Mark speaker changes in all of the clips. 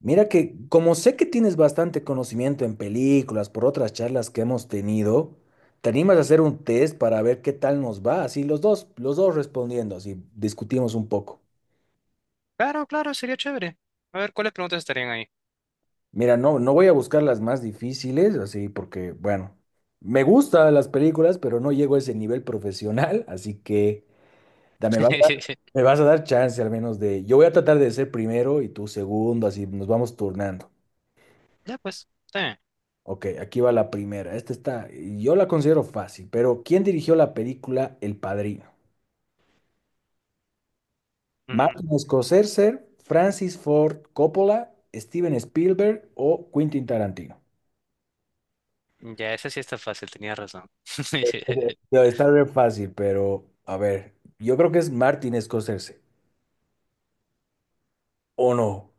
Speaker 1: Mira que como sé que tienes bastante conocimiento en películas por otras charlas que hemos tenido, ¿te animas a hacer un test para ver qué tal nos va? Así los dos respondiendo, así discutimos un poco.
Speaker 2: Claro, claro, sería chévere. A ver, ¿cuáles preguntas estarían ahí?
Speaker 1: Mira, no, no voy a buscar las más difíciles, así porque, bueno, me gustan las películas, pero no llego a ese nivel profesional, así que me vas a dar, me vas a dar chance al menos de... Yo voy a tratar de ser primero y tú segundo, así nos vamos turnando.
Speaker 2: Ya, pues, está bien.
Speaker 1: Ok, aquí va la primera. Esta está, yo la considero fácil, pero ¿quién dirigió la película El Padrino? ¿Martin Scorsese, Francis Ford Coppola, Steven Spielberg o Quentin Tarantino?
Speaker 2: Ya, esa sí está fácil, tenía razón.
Speaker 1: Debe estar bien fácil, pero a ver, yo creo que es Martin Scorsese. ¿O no?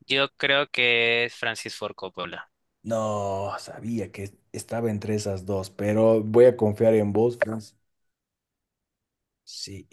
Speaker 2: Yo creo que es Francis Ford Coppola.
Speaker 1: No, sabía que estaba entre esas dos, pero voy a confiar en vos, Francis. Sí.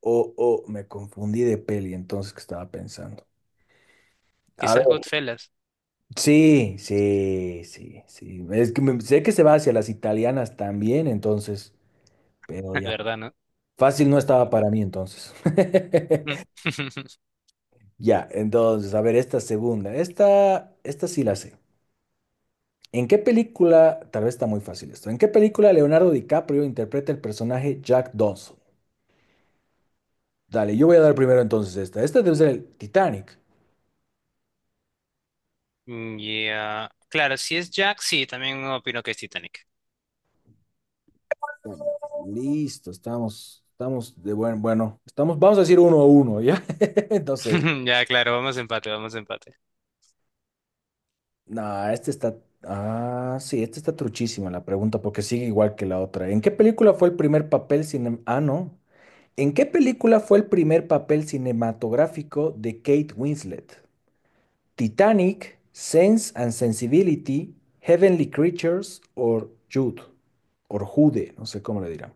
Speaker 1: O o me confundí de peli entonces que estaba pensando. A
Speaker 2: Quizás
Speaker 1: ver.
Speaker 2: Goodfellas,
Speaker 1: Sí, sí, sí, sí. Es que sé que se va hacia las italianas también, entonces, pero ya.
Speaker 2: ¿verdad, no?
Speaker 1: Fácil no estaba para mí entonces.
Speaker 2: Mm.
Speaker 1: Ya, entonces, a ver, esta segunda. Esta sí la sé. ¿En qué película, tal vez está muy fácil esto, ¿en qué película Leonardo DiCaprio interpreta el personaje Jack Dawson? Dale, yo voy a dar primero entonces esta. Esta debe ser el Titanic.
Speaker 2: Ya, claro, si es Jack, sí, también opino que es Titanic.
Speaker 1: Bueno, listo, estamos, estamos de buen, bueno, estamos, vamos a decir uno a uno, ¿ya? No sé.
Speaker 2: Ya, claro, vamos a empate, vamos a empate.
Speaker 1: No, este está. Ah, sí, este está truchísima la pregunta porque sigue igual que la otra. ¿En qué película fue el primer papel cine... Ah, no. ¿En qué película fue el primer papel cinematográfico de Kate Winslet? ¿Titanic, Sense and Sensibility, Heavenly Creatures o Jude? O Jude, no sé cómo le dirán.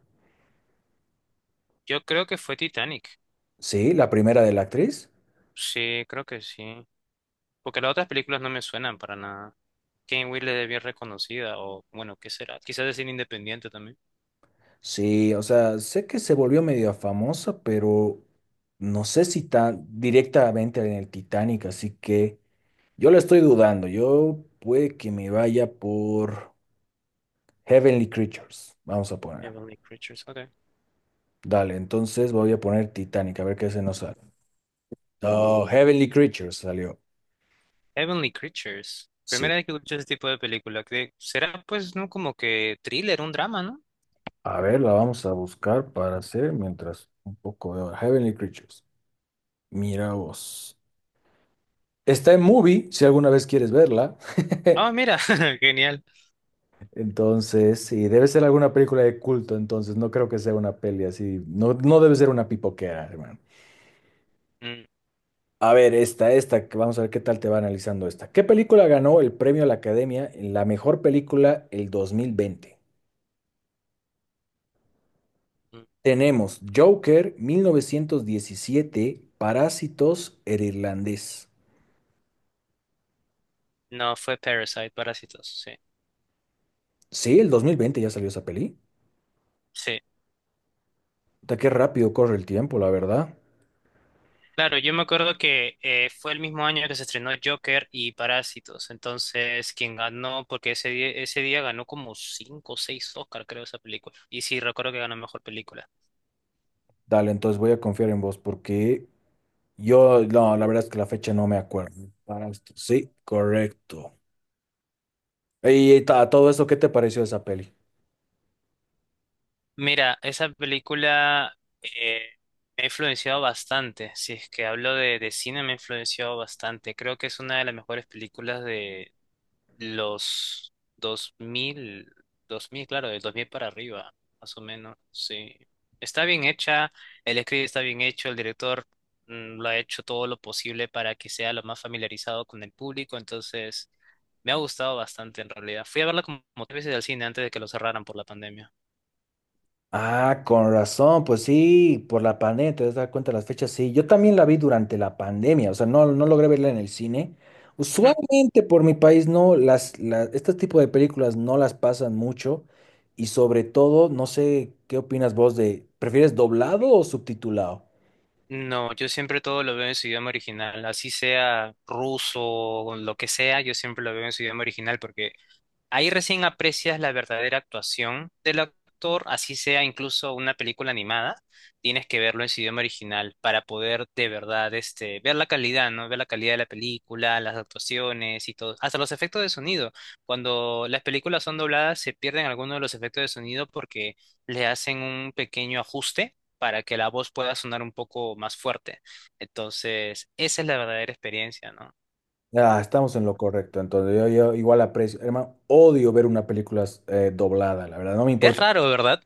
Speaker 2: Yo creo que fue Titanic.
Speaker 1: Sí, la primera de la actriz.
Speaker 2: Sí, creo que sí. Porque las otras películas no me suenan para nada. Kane Will es bien reconocida, o bueno, ¿qué será? Quizás decir independiente también.
Speaker 1: Sí, o sea, sé que se volvió medio famosa, pero no sé si tan directamente en el Titanic, así que. Yo la estoy dudando. Yo puede que me vaya por Heavenly Creatures. Vamos a poner.
Speaker 2: Heavenly Creatures, ok.
Speaker 1: Dale, entonces voy a poner Titanic, a ver qué se nos sale. No, Heavenly Creatures salió.
Speaker 2: Heavenly Creatures.
Speaker 1: Sí.
Speaker 2: Primera vez que escucho ese tipo de película. Que será pues no como que thriller, un drama, ¿no?
Speaker 1: A ver, la vamos a buscar para hacer mientras un poco de Heavenly Creatures. Mira vos. Está en Movie, si alguna vez quieres verla.
Speaker 2: Ah, mira, genial.
Speaker 1: Entonces, sí, debe ser alguna película de culto, entonces no creo que sea una peli así. No, no debe ser una pipoquera, hermano.
Speaker 2: Mm,
Speaker 1: A ver, esta, que vamos a ver qué tal te va analizando esta. ¿Qué película ganó el premio a la Academia en la mejor película el 2020?
Speaker 2: mm.
Speaker 1: Tenemos Joker, 1917, Parásitos, El Irlandés.
Speaker 2: No, fue Parasite, Parásitos, sí.
Speaker 1: Sí, el 2020 ya salió esa peli.
Speaker 2: Sí.
Speaker 1: Puta, qué rápido corre el tiempo, la verdad.
Speaker 2: Claro, yo me acuerdo que fue el mismo año que se estrenó Joker y Parásitos. Entonces, quien ganó, porque ese día ganó como cinco o seis Oscar, creo, esa película. Y sí, recuerdo que ganó mejor película.
Speaker 1: Dale, entonces voy a confiar en vos porque yo, no, la verdad es que la fecha no me acuerdo. Parásitos, sí, correcto. Y todo eso, ¿qué te pareció esa peli?
Speaker 2: Mira, esa película eh, me ha influenciado bastante. Si es que hablo de cine, me ha influenciado bastante. Creo que es una de las mejores películas de los dos mil, dos mil, claro, del 2000 para arriba, más o menos. Sí. Está bien hecha, el script está bien hecho, el director lo ha hecho todo lo posible para que sea lo más familiarizado con el público. Entonces, me ha gustado bastante en realidad. Fui a verla como tres veces al cine antes de que lo cerraran por la pandemia.
Speaker 1: Ah, con razón, pues sí, por la pandemia, te das da cuenta de las fechas, sí. Yo también la vi durante la pandemia, o sea, no, no logré verla en el cine. Usualmente por mi país no, las, este tipo de películas no las pasan mucho y sobre todo, no sé, ¿qué opinas vos de, prefieres doblado o subtitulado?
Speaker 2: No, yo siempre todo lo veo en su idioma original, así sea ruso o lo que sea, yo siempre lo veo en su idioma original porque ahí recién aprecias la verdadera actuación del actor, así sea incluso una película animada, tienes que verlo en su idioma original para poder de verdad, ver la calidad, ¿no? Ver la calidad de la película, las actuaciones y todo, hasta los efectos de sonido. Cuando las películas son dobladas se pierden algunos de los efectos de sonido porque le hacen un pequeño ajuste para que la voz pueda sonar un poco más fuerte. Entonces, esa es la verdadera experiencia, ¿no?
Speaker 1: Ah, estamos en lo correcto, entonces yo igual aprecio, hermano, odio ver una película doblada, la verdad, no me
Speaker 2: Es
Speaker 1: importa,
Speaker 2: raro, ¿verdad?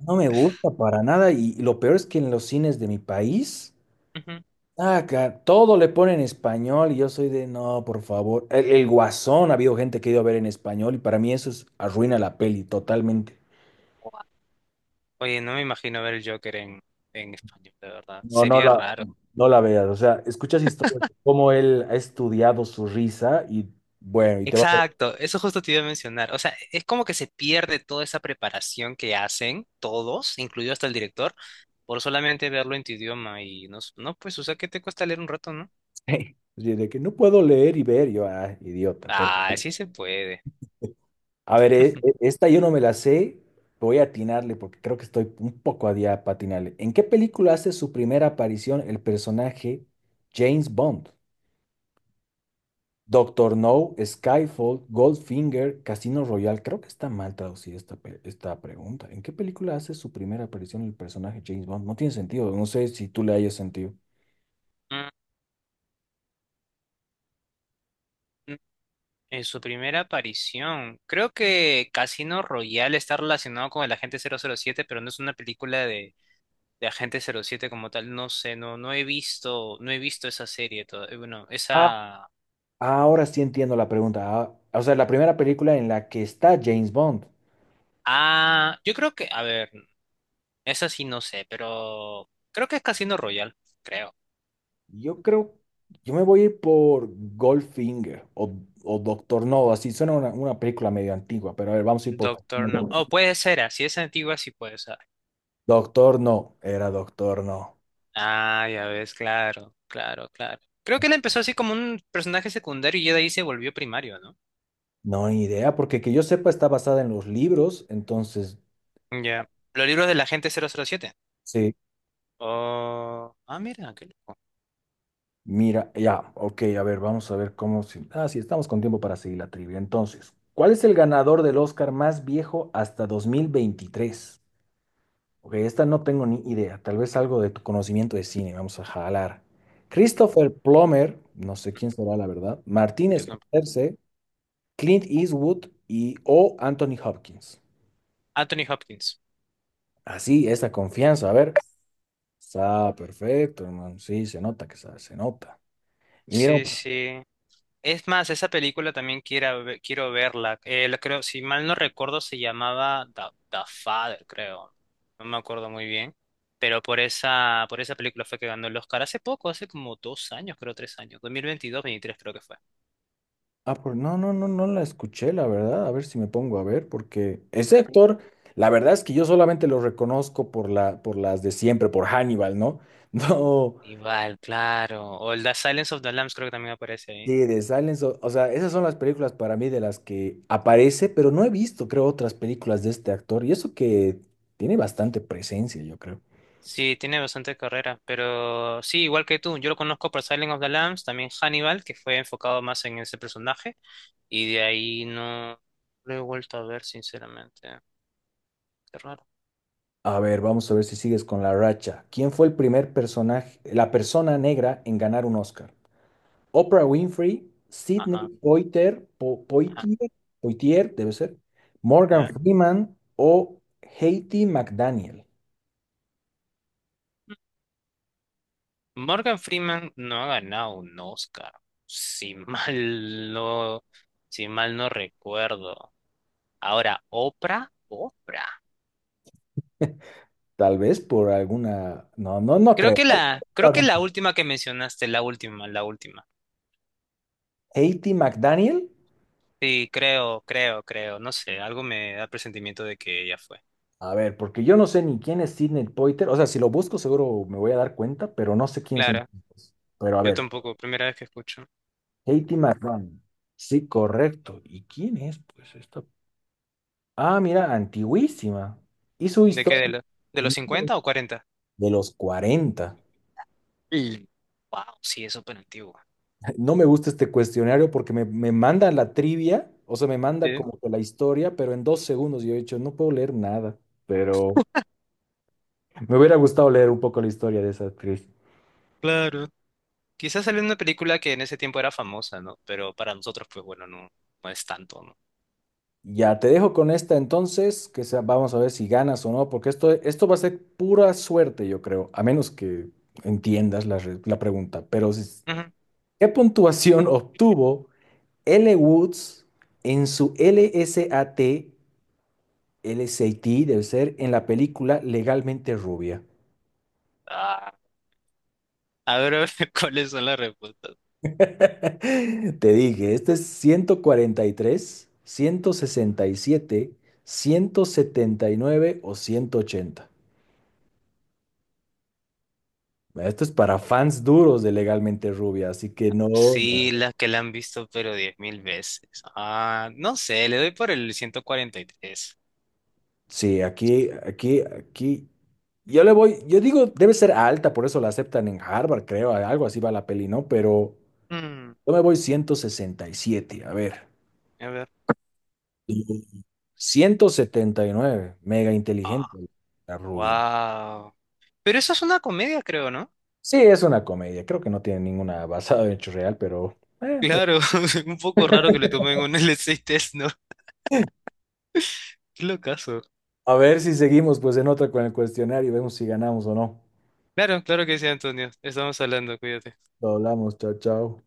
Speaker 1: no me gusta para nada y, y lo peor es que en los cines de mi país...
Speaker 2: Ujú.
Speaker 1: Ah, todo le ponen en español y yo soy de, no, por favor. El Guasón, ha habido gente que ha ido a ver en español y para mí eso es, arruina la peli totalmente.
Speaker 2: Oye, no me imagino ver el Joker en español, de verdad.
Speaker 1: No, no
Speaker 2: Sería
Speaker 1: la,
Speaker 2: raro.
Speaker 1: no la veas. O sea, escuchas historias de cómo él ha estudiado su risa y bueno, y te vas a
Speaker 2: Exacto, eso justo te iba a mencionar. O sea, es como que se pierde toda esa preparación que hacen todos, incluido hasta el director, por solamente verlo en tu idioma y no, no, pues, o sea, ¿qué te cuesta leer un rato, no?
Speaker 1: decir de que no puedo leer y ver. Yo, ah, idiota. Pero,
Speaker 2: Ah, sí se puede.
Speaker 1: a ver, esta yo no me la sé. Voy a atinarle porque creo que estoy un poco a día para atinarle. ¿En qué película hace su primera aparición el personaje James Bond? Doctor No, Skyfall, Goldfinger, Casino Royale. Creo que está mal traducida esta, esta pregunta. ¿En qué película hace su primera aparición el personaje James Bond? No tiene sentido. No sé si tú le hayas sentido.
Speaker 2: Mm, mm. En su primera aparición, creo que Casino Royale está relacionado con el agente 007, pero no es una película de Agente cero siete como tal, no sé, no, no he visto, no he visto esa serie todavía. Bueno,
Speaker 1: Ah,
Speaker 2: esa.
Speaker 1: ahora sí entiendo la pregunta. Ah, o sea, la primera película en la que está James Bond.
Speaker 2: Ah, yo creo que, a ver, esa sí no sé, pero creo que es Casino Royale, creo.
Speaker 1: Yo creo, yo me voy a ir por Goldfinger o Doctor No. Así suena una película medio antigua, pero a ver, vamos a ir por
Speaker 2: Doctor
Speaker 1: Casino
Speaker 2: No.
Speaker 1: Royale.
Speaker 2: Oh, puede ser, así es antigua, sí puede ser.
Speaker 1: Doctor No. Era Doctor No.
Speaker 2: Ah, ya ves, claro, claro, claro. Creo que él empezó así como un personaje secundario y ya de ahí se volvió primario, ¿no?
Speaker 1: No, ni idea, porque que yo sepa está basada en los libros, entonces,
Speaker 2: Ya. Los libros del agente 007.
Speaker 1: sí,
Speaker 2: Oh, ah, mira, qué loco.
Speaker 1: mira, ya, ok, a ver, vamos a ver cómo... Ah, sí, estamos con tiempo para seguir la trivia. Entonces, ¿cuál es el ganador del Oscar más viejo hasta 2023? Ok, esta no tengo ni idea, tal vez algo de tu conocimiento de cine, vamos a jalar. Christopher Plummer, no sé quién será la verdad, Martin
Speaker 2: Yo tampoco.
Speaker 1: Scorsese, Clint Eastwood y o Anthony Hopkins.
Speaker 2: Anthony Hopkins.
Speaker 1: Así, esa confianza, a ver. Está perfecto, hermano. Sí, se nota que sabe, se nota. Y mira,
Speaker 2: Sí, sí. Es más, esa película también quiero verla. La creo, si mal no recuerdo, se llamaba The Father, creo. No me acuerdo muy bien. Pero por esa película fue que ganó el Oscar hace poco, hace como 2 años, creo, 3 años. 2022, 23 creo que fue.
Speaker 1: ah, no, no, no, no la escuché, la verdad. A ver si me pongo a ver, porque ese actor, la verdad es que yo solamente lo reconozco por la, por las de siempre, por Hannibal, ¿no? No,
Speaker 2: Igual, claro. O el The Silence of the Lambs creo que también aparece
Speaker 1: sí,
Speaker 2: ahí.
Speaker 1: de Silence, o sea, esas son las películas para mí de las que aparece, pero no he visto, creo, otras películas de este actor. Y eso que tiene bastante presencia, yo creo.
Speaker 2: Sí, tiene bastante carrera, pero sí, igual que tú, yo lo conozco por Silent of the Lambs, también Hannibal, que fue enfocado más en ese personaje, y de ahí no lo he vuelto a ver, sinceramente. Qué raro.
Speaker 1: A ver, vamos a ver si sigues con la racha. ¿Quién fue el primer personaje, la persona negra en ganar un Oscar? Oprah Winfrey, Sidney
Speaker 2: Ajá,
Speaker 1: Poitier,
Speaker 2: ajá,
Speaker 1: Poitier, Poitier, debe ser, Morgan
Speaker 2: ya.
Speaker 1: Freeman o Haiti McDaniel.
Speaker 2: Morgan Freeman no ha ganado un Oscar, si mal no, si mal no recuerdo. Ahora, Oprah, Oprah.
Speaker 1: Tal vez por alguna... No, no, no creo.
Speaker 2: Creo que la última que mencionaste, la última, la última.
Speaker 1: Haiti McDaniel.
Speaker 2: Sí, creo, no sé, algo me da presentimiento de que ella fue.
Speaker 1: A ver, porque yo no sé ni quién es Sidney Poitier. O sea, si lo busco seguro me voy a dar cuenta, pero no sé quién son
Speaker 2: Clara,
Speaker 1: estos. Pero a
Speaker 2: yo
Speaker 1: ver,
Speaker 2: tampoco, primera vez que escucho.
Speaker 1: Haiti McDaniel. Sí, correcto. ¿Y quién es? Pues esta... Ah, mira, antiguísima. Hizo
Speaker 2: ¿De qué? ¿De,
Speaker 1: historia.
Speaker 2: lo- de los 50 o 40?
Speaker 1: De los cuarenta.
Speaker 2: Y wow, sí, es súper antiguo.
Speaker 1: No me gusta este cuestionario porque me manda la trivia, o sea, me manda
Speaker 2: Sí,
Speaker 1: como que la historia, pero en dos segundos yo he dicho, no puedo leer nada, pero me hubiera gustado leer un poco la historia de esa actriz.
Speaker 2: claro. Quizás salió en una película que en ese tiempo era famosa, ¿no? Pero para nosotros, pues bueno, no, no es tanto, ¿no?
Speaker 1: Ya, te dejo con esta entonces, que vamos a ver si ganas o no, porque esto va a ser pura suerte, yo creo, a menos que entiendas la, la pregunta. Pero,
Speaker 2: Ujú.
Speaker 1: ¿qué puntuación obtuvo L. Woods en su LSAT? LSAT debe ser en la película Legalmente Rubia.
Speaker 2: Ah, a ver, ¿cuáles son las respuestas?
Speaker 1: Te dije, este es ciento cuarenta y tres, 167, 179 o 180. Esto es para fans duros de Legalmente Rubia, así que no.
Speaker 2: Sí,
Speaker 1: No.
Speaker 2: las que la han visto, pero 10.000 veces. Ah, no sé, le doy por el 143.
Speaker 1: Sí, aquí, aquí, aquí. Yo le voy, yo digo, debe ser alta, por eso la aceptan en Harvard, creo, algo así va la peli, ¿no? Pero
Speaker 2: Mm,
Speaker 1: yo me voy 167. A ver.
Speaker 2: a ver.
Speaker 1: 179 mega inteligente la rubia.
Speaker 2: Wow. Pero eso es una comedia, creo, ¿no?
Speaker 1: Sí, es una comedia, creo que no tiene ninguna basada en hecho real, pero eh, ve-
Speaker 2: Claro, un poco raro que le tomen un LC test, ¿no? Qué locazo.
Speaker 1: a ver si seguimos pues en otra con el cuestionario y vemos si ganamos o no.
Speaker 2: Claro, claro que sí, Antonio. Estamos hablando, cuídate.
Speaker 1: Lo hablamos, chao, chao.